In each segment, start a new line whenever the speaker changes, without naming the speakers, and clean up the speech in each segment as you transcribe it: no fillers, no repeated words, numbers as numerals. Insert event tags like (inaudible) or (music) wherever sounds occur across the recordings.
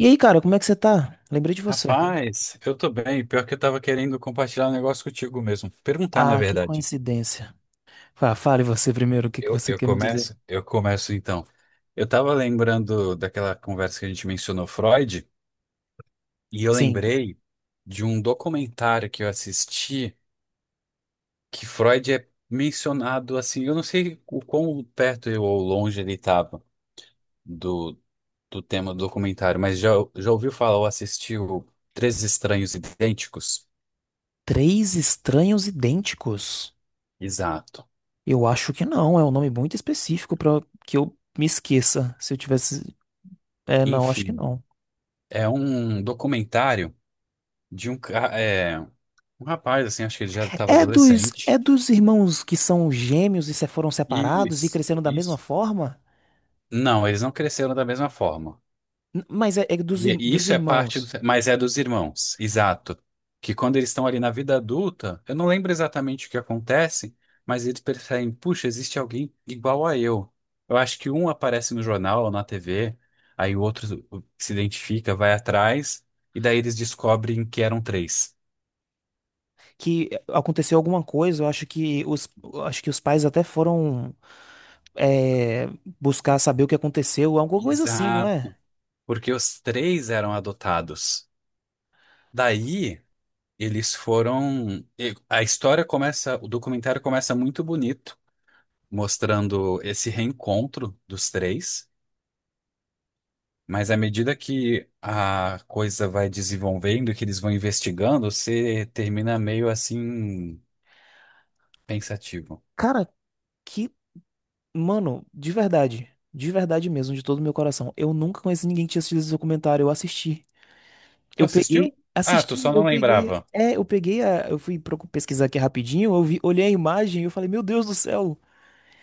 E aí, cara, como é que você tá? Lembrei de você.
Rapaz, eu tô bem. Pior que eu tava querendo compartilhar um negócio contigo mesmo. Perguntar, na
Ah, que
verdade.
coincidência. Fale você primeiro, o que que
Eu,
você
eu
quer me dizer?
começo? Eu começo então. Eu tava lembrando daquela conversa que a gente mencionou Freud, e eu
Sim,
lembrei de um documentário que eu assisti que Freud é mencionado assim. Eu não sei o quão perto eu ou longe ele estava do, do tema do documentário, mas já ouviu falar ou assistiu Três Estranhos Idênticos?
três estranhos idênticos?
Exato.
Eu acho que não, é um nome muito específico pra que eu me esqueça se eu tivesse. É, não, acho que
Enfim.
não.
É um documentário de um rapaz, assim, acho que ele já estava
É dos,
adolescente.
é dos irmãos que são gêmeos e se foram separados e
Isso,
cresceram da mesma
isso.
forma?
não, eles não cresceram da mesma forma.
Mas é, é dos,
E,
ir-
e
dos
isso é parte do,
irmãos
mas é dos irmãos, exato. Que quando eles estão ali na vida adulta, eu não lembro exatamente o que acontece, mas eles percebem, puxa, existe alguém igual a eu. Eu acho que um aparece no jornal ou na TV, aí o outro se identifica, vai atrás, e daí eles descobrem que eram três.
que aconteceu alguma coisa, eu acho que os, eu acho que os pais até foram. é, Buscar saber o que aconteceu, é alguma coisa assim, não
Exato,
é?
porque os três eram adotados. Daí eles A história começa, o documentário começa muito bonito, mostrando esse reencontro dos três. Mas à medida que a coisa vai desenvolvendo, que eles vão investigando, você termina meio assim pensativo.
Cara, que, mano, de verdade mesmo, de todo o meu coração, eu nunca conheci ninguém que tinha assistido esse documentário, eu assisti.
Tu
Eu peguei,
assistiu? Ah, tu
assisti,
só
eu
não
peguei,
lembrava.
é, eu peguei a, eu fui pesquisar aqui rapidinho, eu vi, olhei a imagem e eu falei, meu Deus do céu,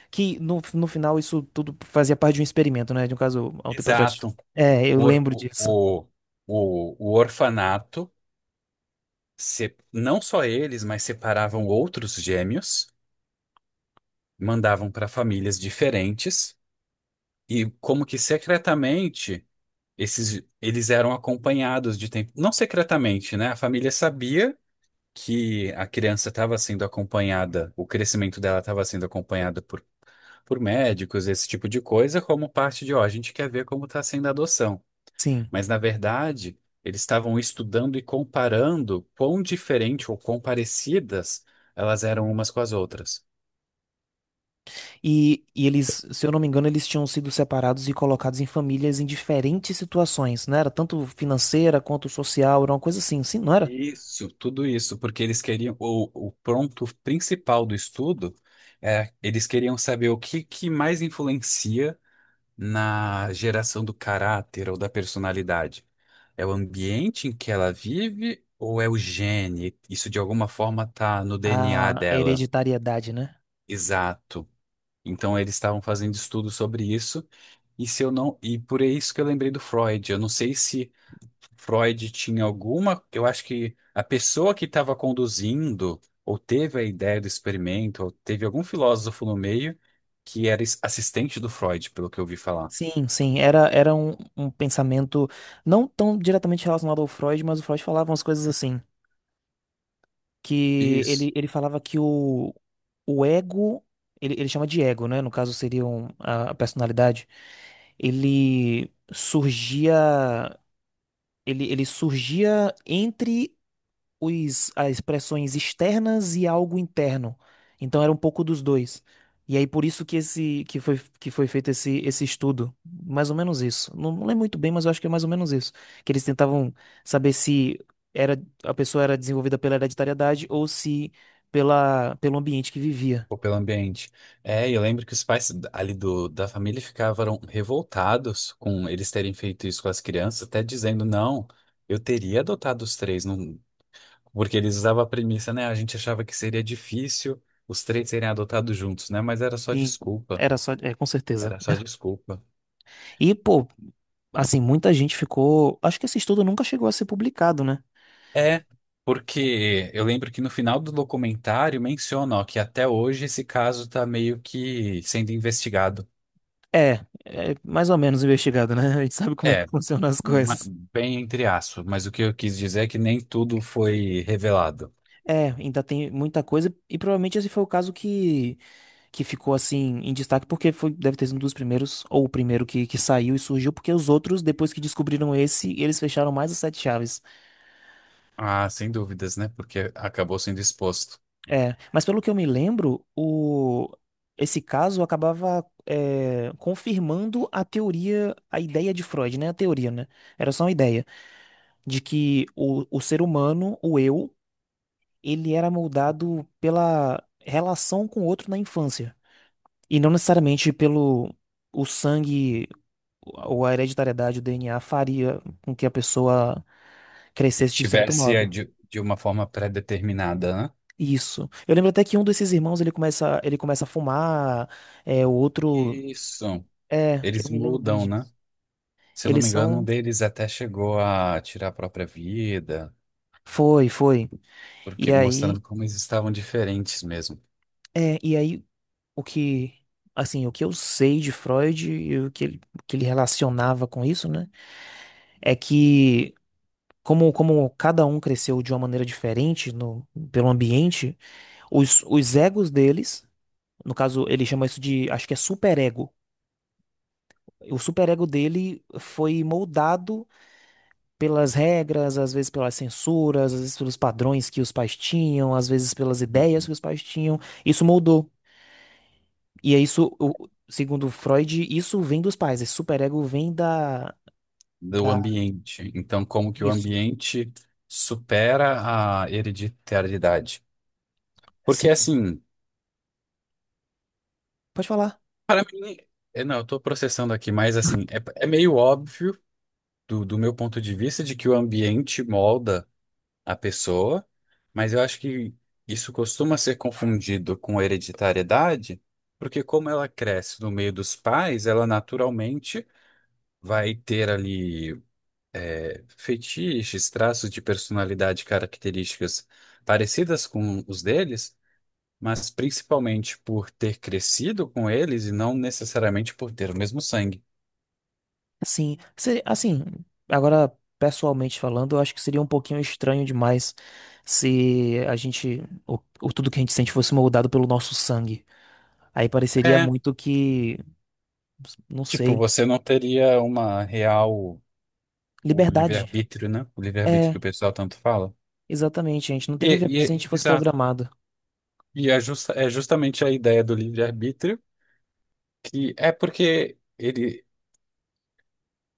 que no final isso tudo fazia parte de um experimento, né? De um caso há um tempo atrás.
Exato.
É, eu
Por-
lembro
o,
disso.
o, o orfanato, não só eles, mas separavam outros gêmeos, mandavam para famílias diferentes e como que secretamente esses eles eram acompanhados de tempo, não secretamente, né? A família sabia que a criança estava sendo acompanhada, o crescimento dela estava sendo acompanhado por médicos, esse tipo de coisa, como parte de, ó, a gente quer ver como está sendo a adoção.
Sim.
Mas, na verdade, eles estavam estudando e comparando quão diferente ou quão parecidas elas eram umas com as outras.
E eles, se eu não me engano, eles tinham sido separados e colocados em famílias em diferentes situações, não era tanto financeira quanto social, era uma coisa assim, sim, não era?
Isso, tudo isso, porque eles queriam, o ponto principal do estudo é, eles queriam saber que mais influencia na geração do caráter ou da personalidade. É o ambiente em que ela vive ou é o gene? Isso de alguma forma tá no DNA
A
dela.
hereditariedade, né?
Exato. Então eles estavam fazendo estudos sobre isso, e se eu não, e por isso que eu lembrei do Freud. Eu não sei se Freud tinha alguma, eu acho que a pessoa que estava conduzindo, ou teve a ideia do experimento, ou teve algum filósofo no meio que era assistente do Freud, pelo que eu ouvi falar.
Sim, sim, era, era um, um pensamento não tão diretamente relacionado ao Freud, mas o Freud falava umas coisas assim, que
Isso.
ele falava que o ego, ele chama de ego, né? No caso seria a personalidade, ele surgia. Ele surgia entre os, as expressões externas e algo interno. Então era um pouco dos dois. E aí por isso que esse que foi feito esse, esse estudo. Mais ou menos isso. Não, não lembro muito bem, mas eu acho que é mais ou menos isso. Que eles tentavam saber se era, a pessoa era desenvolvida pela hereditariedade ou se pela, pelo ambiente que vivia.
Ou pelo ambiente. É, eu lembro que os pais ali da família ficavam revoltados com eles terem feito isso com as crianças, até dizendo, não, eu teria adotado os três, não, porque eles usavam a premissa, né? A gente achava que seria difícil os três serem adotados juntos, né? Mas era só
Sim.
desculpa.
Era só, é, com certeza.
Era só desculpa.
E, pô, assim, muita gente ficou. Acho que esse estudo nunca chegou a ser publicado, né?
É, porque eu lembro que no final do documentário menciona, ó, que até hoje esse caso está meio que sendo investigado.
É, é mais ou menos investigado, né? (laughs) A gente sabe como é que
É,
funcionam as
ma-
coisas.
bem entre aspas, mas o que eu quis dizer é que nem tudo foi revelado.
É, ainda tem muita coisa e provavelmente esse foi o caso que ficou assim em destaque porque foi, deve ter sido um dos primeiros ou o primeiro que saiu e surgiu porque os outros depois que descobriram esse eles fecharam mais as sete chaves.
Ah, sem dúvidas, né? Porque acabou sendo exposto.
É, mas pelo que eu me lembro o esse caso acabava é, confirmando a teoria, a ideia de Freud, né? A teoria, né? Era só uma ideia de que o ser humano, o eu ele era moldado pela relação com o outro na infância. E não necessariamente pelo o sangue ou a hereditariedade, o DNA faria com que a pessoa crescesse de certo
Tivesse é,
modo.
de uma forma pré-determinada, né?
Isso. Eu lembro até que um desses irmãos ele começa a fumar, é, o outro.
Isso.
É, eu
Eles
me lembro bem
mudam, né?
disso.
Se eu não
Eles
me engano, um
são.
deles até chegou a tirar a própria vida,
Foi, foi. E
porque
aí,
mostrando como eles estavam diferentes mesmo.
é, e aí o que, assim, o que eu sei de Freud e o que ele relacionava com isso, né? é que como, como cada um cresceu de uma maneira diferente no, pelo ambiente, os egos deles, no caso, ele chama isso de, acho que é superego. O superego dele foi moldado pelas regras, às vezes pelas censuras, às vezes pelos padrões que os pais tinham, às vezes pelas ideias
Uhum.
que os pais tinham. Isso moldou. E é isso, segundo Freud, isso vem dos pais. Esse superego vem da,
Do
da...
ambiente. Então, como que o
Isso.
ambiente supera a hereditariedade? Porque
Sim.
assim,
Pode falar.
para mim, é, não, eu estou processando aqui, mas assim, é, é meio óbvio do meu ponto de vista de que o ambiente molda a pessoa, mas eu acho que isso costuma ser confundido com hereditariedade, porque como ela cresce no meio dos pais, ela naturalmente vai ter ali fetiches, traços de personalidade, e características parecidas com os deles, mas principalmente por ter crescido com eles e não necessariamente por ter o mesmo sangue.
Sim, assim, agora pessoalmente falando, eu acho que seria um pouquinho estranho demais se a gente, o tudo que a gente sente fosse moldado pelo nosso sangue. Aí pareceria
É,
muito que, não
tipo,
sei,
você não teria uma real o
liberdade.
livre-arbítrio, né? O livre-arbítrio
É,
que o pessoal tanto fala.
exatamente, a gente não
E,
teria liberdade se a gente fosse
Exato.
programado.
E é, é justamente a ideia do livre-arbítrio que é porque ele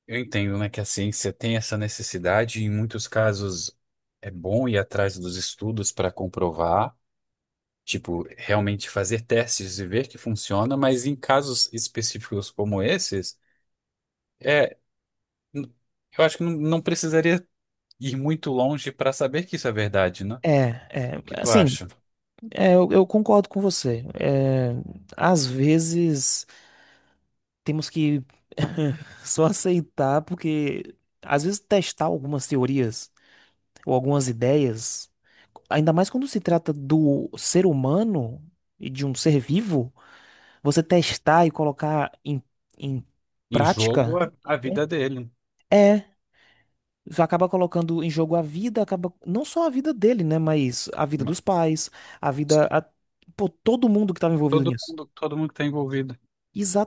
eu entendo, né, que a ciência tem essa necessidade, e em muitos casos é bom ir atrás dos estudos para comprovar, tipo, realmente fazer testes e ver que funciona, mas em casos específicos como esses, é, n- eu acho que não precisaria ir muito longe para saber que isso é verdade, né? O
É, é,
que tu
assim,
acha?
é, eu concordo com você. É, às vezes temos que (laughs) só aceitar, porque às vezes testar algumas teorias. Ou algumas ideias, ainda mais quando se trata do ser humano e de um ser vivo, você testar e colocar em, em
Em jogo,
prática
a vida é dele.
é, é, acaba colocando em jogo a vida, acaba não só a vida dele, né, mas a vida
Mas
dos pais, a vida, a, pô, todo mundo que estava envolvido
todo
nisso.
mundo, todo mundo que está envolvido.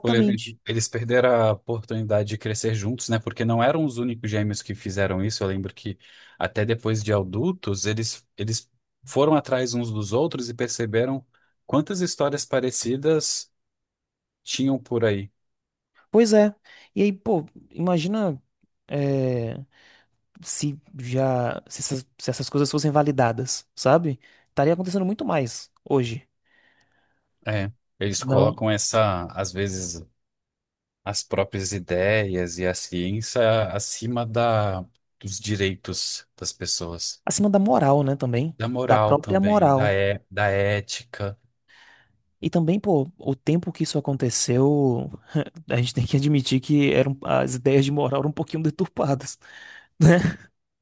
Por exemplo, eles perderam a oportunidade de crescer juntos, né? Porque não eram os únicos gêmeos que fizeram isso. Eu lembro que até depois de adultos, eles foram atrás uns dos outros e perceberam quantas histórias parecidas tinham por aí.
Pois é. E aí, pô, imagina. É, se já se essas, se essas coisas fossem validadas, sabe? Estaria acontecendo muito mais hoje.
É, eles
Não,
colocam essa, às vezes, as próprias ideias e a ciência acima dos direitos das pessoas,
acima da moral, né, também,
da
da
moral
própria
também,
moral.
da ética.
E também, pô, o tempo que isso aconteceu, (laughs) a gente tem que admitir que eram as ideias de moral eram um pouquinho deturpadas, (laughs) né?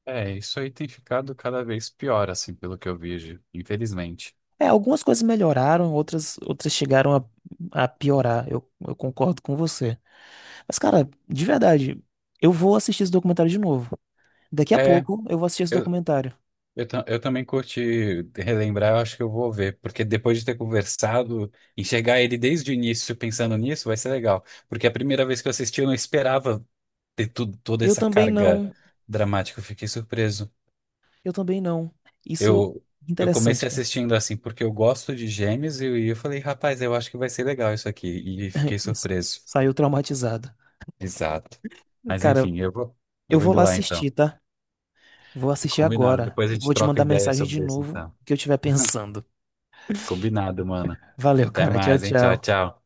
É, isso aí tem ficado cada vez pior, assim, pelo que eu vejo, infelizmente.
É, algumas coisas melhoraram, outras chegaram a piorar. Eu concordo com você. Mas, cara, de verdade, eu vou assistir esse documentário de novo. Daqui a
É,
pouco eu vou assistir esse
eu,
documentário.
eu também curti relembrar, eu acho que eu vou ver, porque depois de ter conversado, enxergar ele desde o início pensando nisso vai ser legal. Porque a primeira vez que eu assisti, eu não esperava ter tudo, toda
Eu
essa
também
carga
não.
dramática, eu fiquei surpreso.
Eu também não. Isso
Eu, eu
interessante,
comecei
cara.
assistindo assim, porque eu gosto de Gêmeos, e eu falei, rapaz, eu acho que vai ser legal isso aqui, e
(laughs)
fiquei
Isso.
surpreso.
Saiu traumatizado.
Exato. Mas
Cara,
enfim,
eu
eu vou
vou
indo
lá
lá então.
assistir, tá? Vou assistir
Combinado.
agora.
Depois a
Eu
gente
vou te
troca
mandar
ideia
mensagem de
sobre isso,
novo
então.
o que eu estiver pensando.
Combinado, mano.
Valeu,
Até
cara. Tchau,
mais, hein? Tchau,
tchau.
tchau.